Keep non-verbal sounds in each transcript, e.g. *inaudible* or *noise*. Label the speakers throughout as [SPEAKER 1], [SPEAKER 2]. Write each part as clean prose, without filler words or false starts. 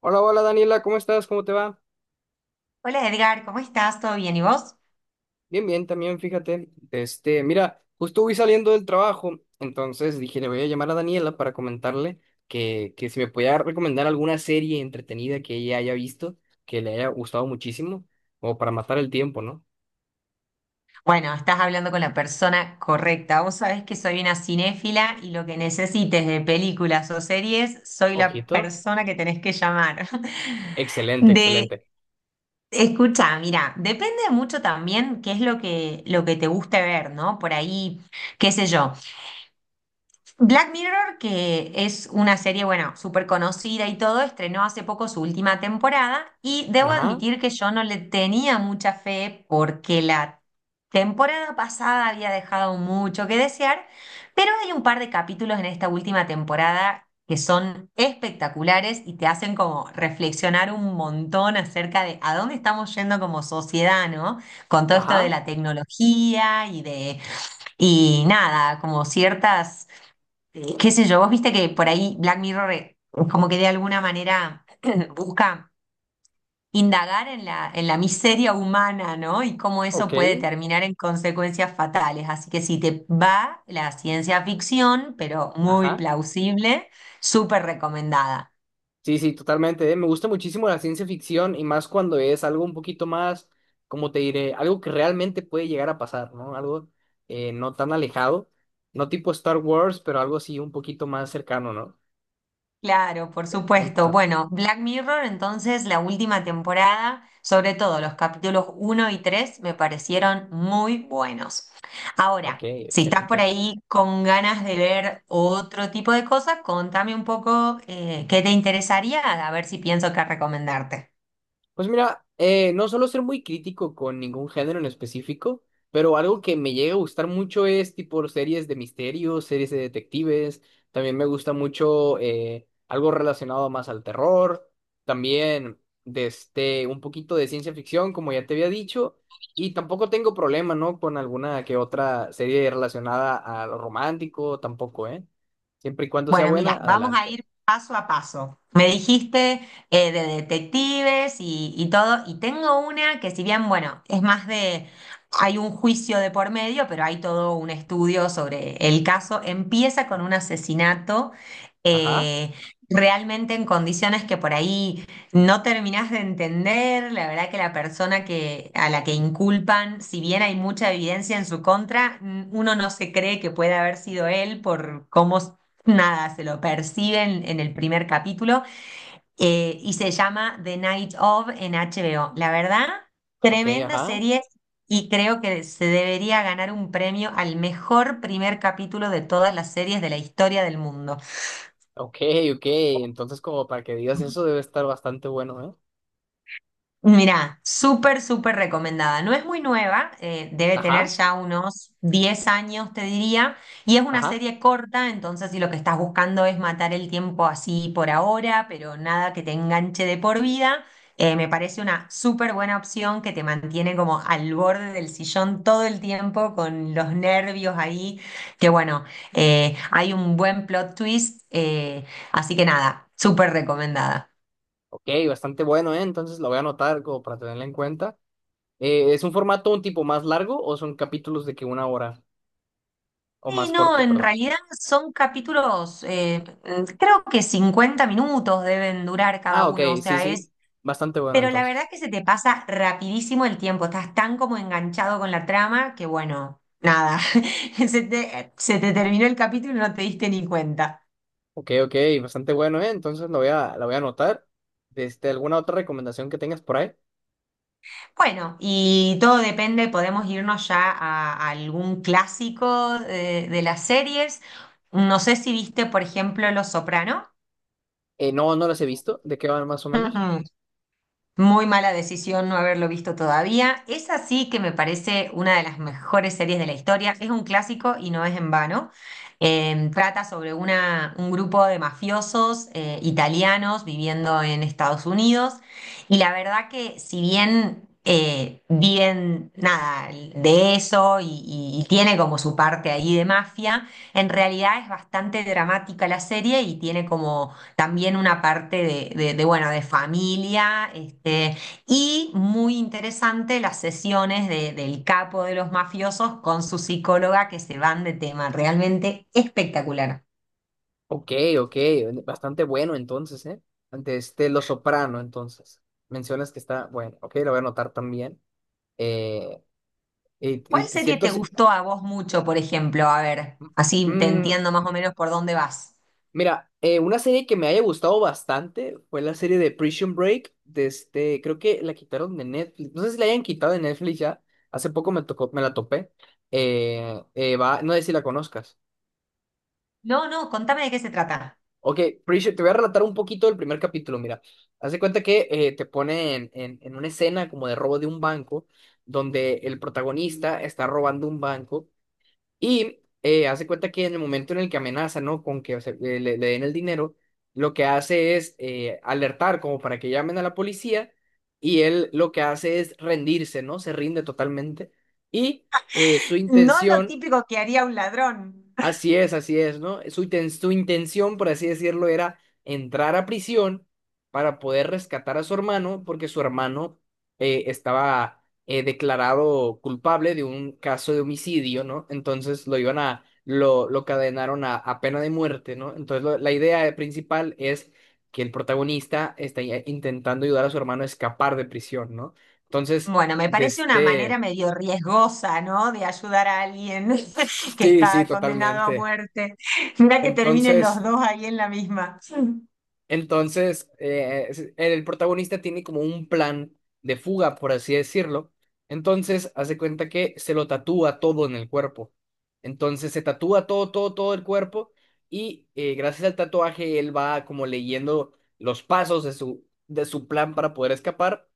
[SPEAKER 1] Hola, hola Daniela, ¿cómo estás? ¿Cómo te va?
[SPEAKER 2] Hola Edgar, ¿cómo estás? ¿Todo bien? ¿Y vos?
[SPEAKER 1] Bien, bien, también fíjate. Mira, justo voy saliendo del trabajo, entonces dije, le voy a llamar a Daniela para comentarle que si me podía recomendar alguna serie entretenida que ella haya visto, que le haya gustado muchísimo, o para matar el tiempo, ¿no?
[SPEAKER 2] Bueno, estás hablando con la persona correcta. Vos sabés que soy una cinéfila y lo que necesites de películas o series, soy la
[SPEAKER 1] Ojito.
[SPEAKER 2] persona que tenés que llamar. *laughs*
[SPEAKER 1] Excelente,
[SPEAKER 2] De,
[SPEAKER 1] excelente.
[SPEAKER 2] escucha, mira, depende mucho también qué es lo que te guste ver, ¿no? Por ahí, qué sé yo. Black Mirror, que es una serie, bueno, súper conocida y todo, estrenó hace poco su última temporada y debo
[SPEAKER 1] Ajá,
[SPEAKER 2] admitir que yo no le tenía mucha fe porque la temporada pasada había dejado mucho que desear, pero hay un par de capítulos en esta última temporada que son espectaculares y te hacen como reflexionar un montón acerca de a dónde estamos yendo como sociedad, ¿no? Con todo esto de
[SPEAKER 1] ajá,
[SPEAKER 2] la tecnología y de. Y nada, como ciertas qué sé yo, vos viste que por ahí Black Mirror como que de alguna manera *clears throat* busca indagar en la miseria humana, ¿no? Y cómo
[SPEAKER 1] ok,
[SPEAKER 2] eso puede terminar en consecuencias fatales. Así que si te va la ciencia ficción, pero muy
[SPEAKER 1] ajá.
[SPEAKER 2] plausible, súper recomendada.
[SPEAKER 1] Sí, sí, totalmente, ¿eh? Me gusta muchísimo la ciencia ficción y más cuando es algo un poquito más, como te diré, algo que realmente puede llegar a pasar, ¿no? Algo no tan alejado, no tipo Star Wars, pero algo así un poquito más cercano, ¿no?
[SPEAKER 2] Claro, por supuesto.
[SPEAKER 1] Ento-
[SPEAKER 2] Bueno, Black Mirror, entonces la última temporada, sobre todo los capítulos uno y 3, me parecieron muy buenos.
[SPEAKER 1] ok,
[SPEAKER 2] Ahora, si estás por
[SPEAKER 1] excelente.
[SPEAKER 2] ahí con ganas de ver otro tipo de cosas, contame un poco qué te interesaría, a ver si pienso qué recomendarte.
[SPEAKER 1] Pues mira, no suelo ser muy crítico con ningún género en específico, pero algo que me llega a gustar mucho es tipo series de misterios, series de detectives. También me gusta mucho algo relacionado más al terror. También de este, un poquito de ciencia ficción, como ya te había dicho. Y tampoco tengo problema, ¿no? Con alguna que otra serie relacionada a lo romántico, tampoco, ¿eh? Siempre y cuando sea
[SPEAKER 2] Bueno,
[SPEAKER 1] buena,
[SPEAKER 2] mira, vamos a
[SPEAKER 1] adelante.
[SPEAKER 2] ir paso a paso. Me dijiste de detectives y todo, y tengo una que si bien, bueno, es más de, hay un juicio de por medio, pero hay todo un estudio sobre el caso. Empieza con un asesinato
[SPEAKER 1] Ajá,
[SPEAKER 2] eh, realmente en condiciones que por ahí no terminás de entender. La verdad que la persona a la que inculpan, si bien hay mucha evidencia en su contra, uno no se cree que pueda haber sido él por cómo. Nada, se lo perciben en el primer capítulo y se llama The Night of en HBO. La verdad,
[SPEAKER 1] ok,
[SPEAKER 2] tremenda
[SPEAKER 1] ajá.
[SPEAKER 2] serie y creo que se debería ganar un premio al mejor primer capítulo de todas las series de la historia del mundo.
[SPEAKER 1] Ok, ok. Entonces, como para que digas eso, debe estar bastante bueno, ¿eh?
[SPEAKER 2] Mirá, súper, súper recomendada. No es muy nueva, debe tener
[SPEAKER 1] Ajá,
[SPEAKER 2] ya unos 10 años, te diría, y es una
[SPEAKER 1] ajá.
[SPEAKER 2] serie corta, entonces si lo que estás buscando es matar el tiempo así por ahora, pero nada que te enganche de por vida, me parece una súper buena opción que te mantiene como al borde del sillón todo el tiempo con los nervios ahí, que bueno, hay un buen plot twist, así que nada, súper recomendada.
[SPEAKER 1] Ok, bastante bueno, ¿eh? Entonces lo voy a anotar como para tenerla en cuenta. ¿Es un formato un tipo más largo o son capítulos de que una hora o
[SPEAKER 2] Sí,
[SPEAKER 1] más
[SPEAKER 2] no,
[SPEAKER 1] corto,
[SPEAKER 2] en
[SPEAKER 1] perdón?
[SPEAKER 2] realidad son capítulos, creo que 50 minutos deben durar cada
[SPEAKER 1] Ah, ok,
[SPEAKER 2] uno, o
[SPEAKER 1] sí,
[SPEAKER 2] sea, es,
[SPEAKER 1] sí. Bastante bueno,
[SPEAKER 2] pero la verdad
[SPEAKER 1] entonces.
[SPEAKER 2] que se te pasa rapidísimo el tiempo, estás tan como enganchado con la trama que bueno, nada, *laughs* se te terminó el capítulo y no te diste ni cuenta.
[SPEAKER 1] Ok, ok, bastante bueno, ¿eh? Entonces lo voy a, la voy a anotar. Este, ¿alguna otra recomendación que tengas por ahí?
[SPEAKER 2] Bueno, y todo depende, podemos irnos ya a algún clásico de las series. No sé si viste, por ejemplo, Los Soprano.
[SPEAKER 1] No, no las he visto. ¿De qué van más o menos?
[SPEAKER 2] *laughs* Muy mala decisión no haberlo visto todavía. Es así que me parece una de las mejores series de la historia. Es un clásico y no es en vano. Trata sobre un grupo de mafiosos italianos viviendo en Estados Unidos. Y la verdad que si bien viven nada de eso y tiene como su parte ahí de mafia, en realidad es bastante dramática la serie y tiene como también una parte de, bueno, de familia, este, y muy interesante las sesiones del capo de los mafiosos con su psicóloga que se van de tema, realmente espectacular.
[SPEAKER 1] Ok, ok, bastante bueno entonces, ¿eh? Ante este Lo Soprano, entonces. Mencionas que está, bueno, ok, lo voy a anotar también. Eh, y
[SPEAKER 2] ¿Cuál
[SPEAKER 1] te
[SPEAKER 2] serie
[SPEAKER 1] siento
[SPEAKER 2] te
[SPEAKER 1] así-
[SPEAKER 2] gustó a vos mucho, por ejemplo? A ver, así te
[SPEAKER 1] Mm,
[SPEAKER 2] entiendo más o menos por dónde vas.
[SPEAKER 1] mira, una serie que me haya gustado bastante fue la serie de Prison Break, de este, creo que la quitaron de Netflix, no sé si la hayan quitado de Netflix ya, hace poco me tocó, me la topé. Va, no sé si la conozcas.
[SPEAKER 2] No, no, contame de qué se trata.
[SPEAKER 1] Ok, Preacher, te voy a relatar un poquito del primer capítulo. Mira, haz de cuenta que te ponen en una escena como de robo de un banco, donde el protagonista está robando un banco y haz de cuenta que en el momento en el que amenaza, ¿no? Con que se- le- den el dinero, lo que hace es alertar como para que llamen a la policía y él lo que hace es rendirse, ¿no? Se rinde totalmente y su
[SPEAKER 2] No lo
[SPEAKER 1] intención.
[SPEAKER 2] típico que haría un ladrón.
[SPEAKER 1] Así es, ¿no? Su, inten- su intención, por así decirlo, era entrar a prisión para poder rescatar a su hermano, porque su hermano estaba declarado culpable de un caso de homicidio, ¿no? Entonces lo iban a, lo cadenaron a pena de muerte, ¿no? Entonces lo- la idea principal es que el protagonista está ya intentando ayudar a su hermano a escapar de prisión, ¿no? Entonces,
[SPEAKER 2] Bueno, me
[SPEAKER 1] de
[SPEAKER 2] parece una manera
[SPEAKER 1] este...
[SPEAKER 2] medio riesgosa, ¿no? De ayudar a alguien *laughs* que
[SPEAKER 1] Sí, sí,
[SPEAKER 2] está condenado a
[SPEAKER 1] totalmente.
[SPEAKER 2] muerte. Mira que terminen los
[SPEAKER 1] Entonces...
[SPEAKER 2] dos ahí en la misma.
[SPEAKER 1] Entonces, es- el protagonista tiene como un plan de fuga, por así decirlo. Entonces, hace cuenta que se lo tatúa todo en el cuerpo. Entonces, se tatúa todo, todo, todo el cuerpo y gracias al tatuaje él va como leyendo los pasos de su plan para poder escapar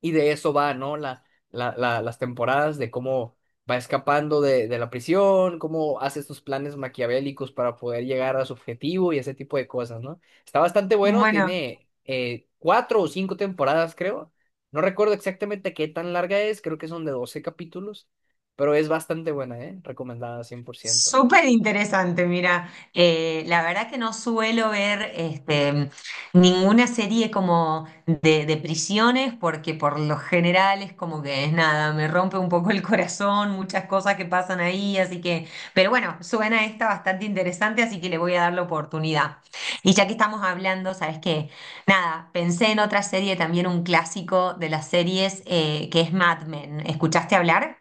[SPEAKER 1] y de eso va, ¿no? Las temporadas de cómo va escapando de la prisión, cómo hace estos planes maquiavélicos para poder llegar a su objetivo y ese tipo de cosas, ¿no? Está bastante bueno,
[SPEAKER 2] Bueno,
[SPEAKER 1] tiene cuatro o cinco temporadas, creo. No recuerdo exactamente qué tan larga es, creo que son de 12 capítulos, pero es bastante buena, ¿eh? Recomendada 100%.
[SPEAKER 2] súper interesante, mira, la verdad que no suelo ver este, ninguna serie como de prisiones porque por lo general es como que es nada, me rompe un poco el corazón, muchas cosas que pasan ahí, así que, pero bueno, suena esta bastante interesante, así que le voy a dar la oportunidad. Y ya que estamos hablando, ¿sabes qué? Nada, pensé en otra serie, también un clásico de las series, que es Mad Men. ¿Escuchaste hablar?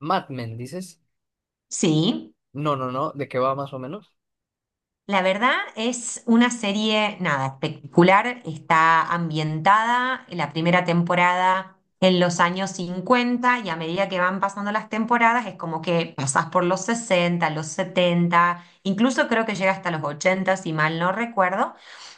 [SPEAKER 1] Mad Men, ¿dices?
[SPEAKER 2] Sí.
[SPEAKER 1] No, no, no, ¿de qué va más o menos?
[SPEAKER 2] La verdad es una serie, nada, espectacular. Está ambientada en la primera temporada en los años 50 y a medida que van pasando las temporadas es como que pasás por los 60, los 70, incluso creo que llega hasta los 80 si mal no recuerdo.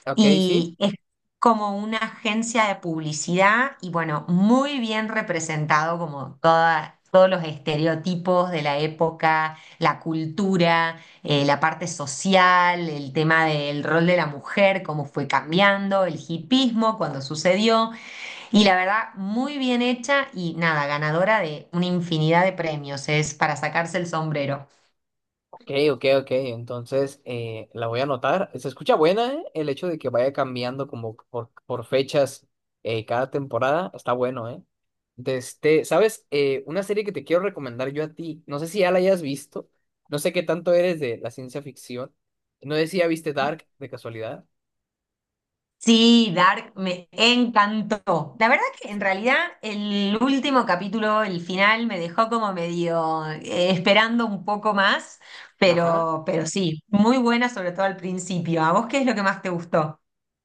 [SPEAKER 1] Ok, sí.
[SPEAKER 2] Y es como una agencia de publicidad y bueno, muy bien representado como todos los estereotipos de la época, la cultura, la parte social, el tema del rol de la mujer, cómo fue cambiando, el hipismo, cuando sucedió. Y la verdad, muy bien hecha y nada, ganadora de una infinidad de premios. Es para sacarse el sombrero.
[SPEAKER 1] Ok, ok, ok. Entonces la voy a anotar. Se escucha buena, ¿eh? El hecho de que vaya cambiando como por fechas cada temporada. Está bueno, ¿eh? De este, ¿sabes? Una serie que te quiero recomendar yo a ti. No sé si ya la hayas visto. No sé qué tanto eres de la ciencia ficción. No sé si ya viste Dark de casualidad.
[SPEAKER 2] Sí, Dark me encantó. La verdad que en realidad el último capítulo, el final, me dejó como medio esperando un poco más,
[SPEAKER 1] Ajá.
[SPEAKER 2] pero sí, muy buena sobre todo al principio. ¿A vos qué es lo que más te gustó?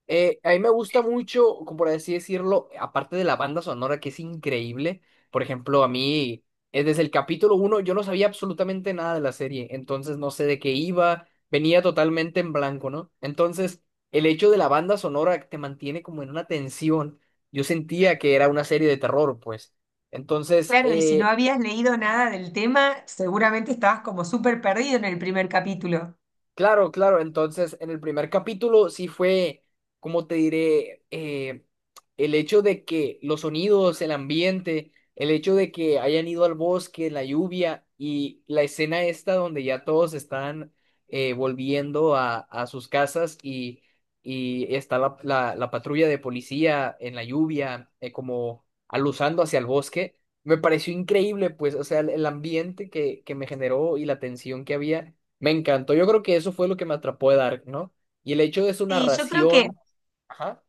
[SPEAKER 1] A mí me gusta mucho, como por así decirlo, aparte de la banda sonora que es increíble, por ejemplo, a mí desde el capítulo uno yo no sabía absolutamente nada de la serie, entonces no sé de qué iba, venía totalmente en blanco, ¿no? Entonces, el hecho de la banda sonora te mantiene como en una tensión. Yo sentía que era una serie de terror, pues. Entonces,
[SPEAKER 2] Claro, y si no
[SPEAKER 1] eh,
[SPEAKER 2] habías leído nada del tema, seguramente estabas como súper perdido en el primer capítulo.
[SPEAKER 1] Claro, claro. Entonces, en el primer capítulo sí fue, como te diré, el hecho de que los sonidos, el ambiente, el hecho de que hayan ido al bosque, la lluvia y la escena esta donde ya todos están volviendo a sus casas y está la patrulla de policía en la lluvia, como aluzando hacia el bosque. Me pareció increíble, pues, o sea, el ambiente que me generó y la tensión que había. Me encantó. Yo creo que eso fue lo que me atrapó de Dark, ¿no? Y el hecho de su
[SPEAKER 2] Sí, yo creo que.
[SPEAKER 1] narración. Ajá,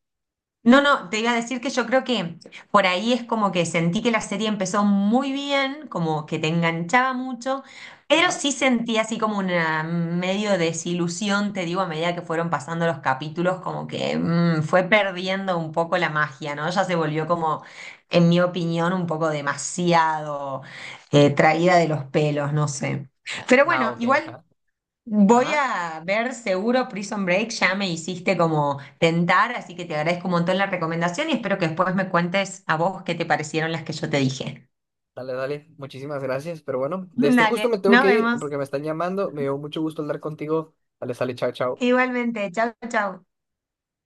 [SPEAKER 2] No, no, te iba a decir que yo creo que por ahí es como que sentí que la serie empezó muy bien, como que te enganchaba mucho, pero
[SPEAKER 1] ajá.
[SPEAKER 2] sí sentí así como una medio desilusión, te digo, a medida que fueron pasando los capítulos, como que fue perdiendo un poco la magia, ¿no? Ya se volvió como, en mi opinión, un poco demasiado traída de los pelos, no sé. Pero
[SPEAKER 1] No,
[SPEAKER 2] bueno,
[SPEAKER 1] ok,
[SPEAKER 2] igual.
[SPEAKER 1] ajá.
[SPEAKER 2] Voy
[SPEAKER 1] Ajá.
[SPEAKER 2] a ver seguro Prison Break, ya me hiciste como tentar, así que te agradezco un montón la recomendación y espero que después me cuentes a vos qué te parecieron las que yo te dije.
[SPEAKER 1] Dale, dale. Muchísimas gracias. Pero bueno,
[SPEAKER 2] *laughs*
[SPEAKER 1] de este justo
[SPEAKER 2] Dale,
[SPEAKER 1] me tengo
[SPEAKER 2] nos
[SPEAKER 1] que ir
[SPEAKER 2] vemos.
[SPEAKER 1] porque me están llamando. Me dio mucho gusto hablar contigo. Dale, sale, chao, chao.
[SPEAKER 2] Igualmente, chau, chau.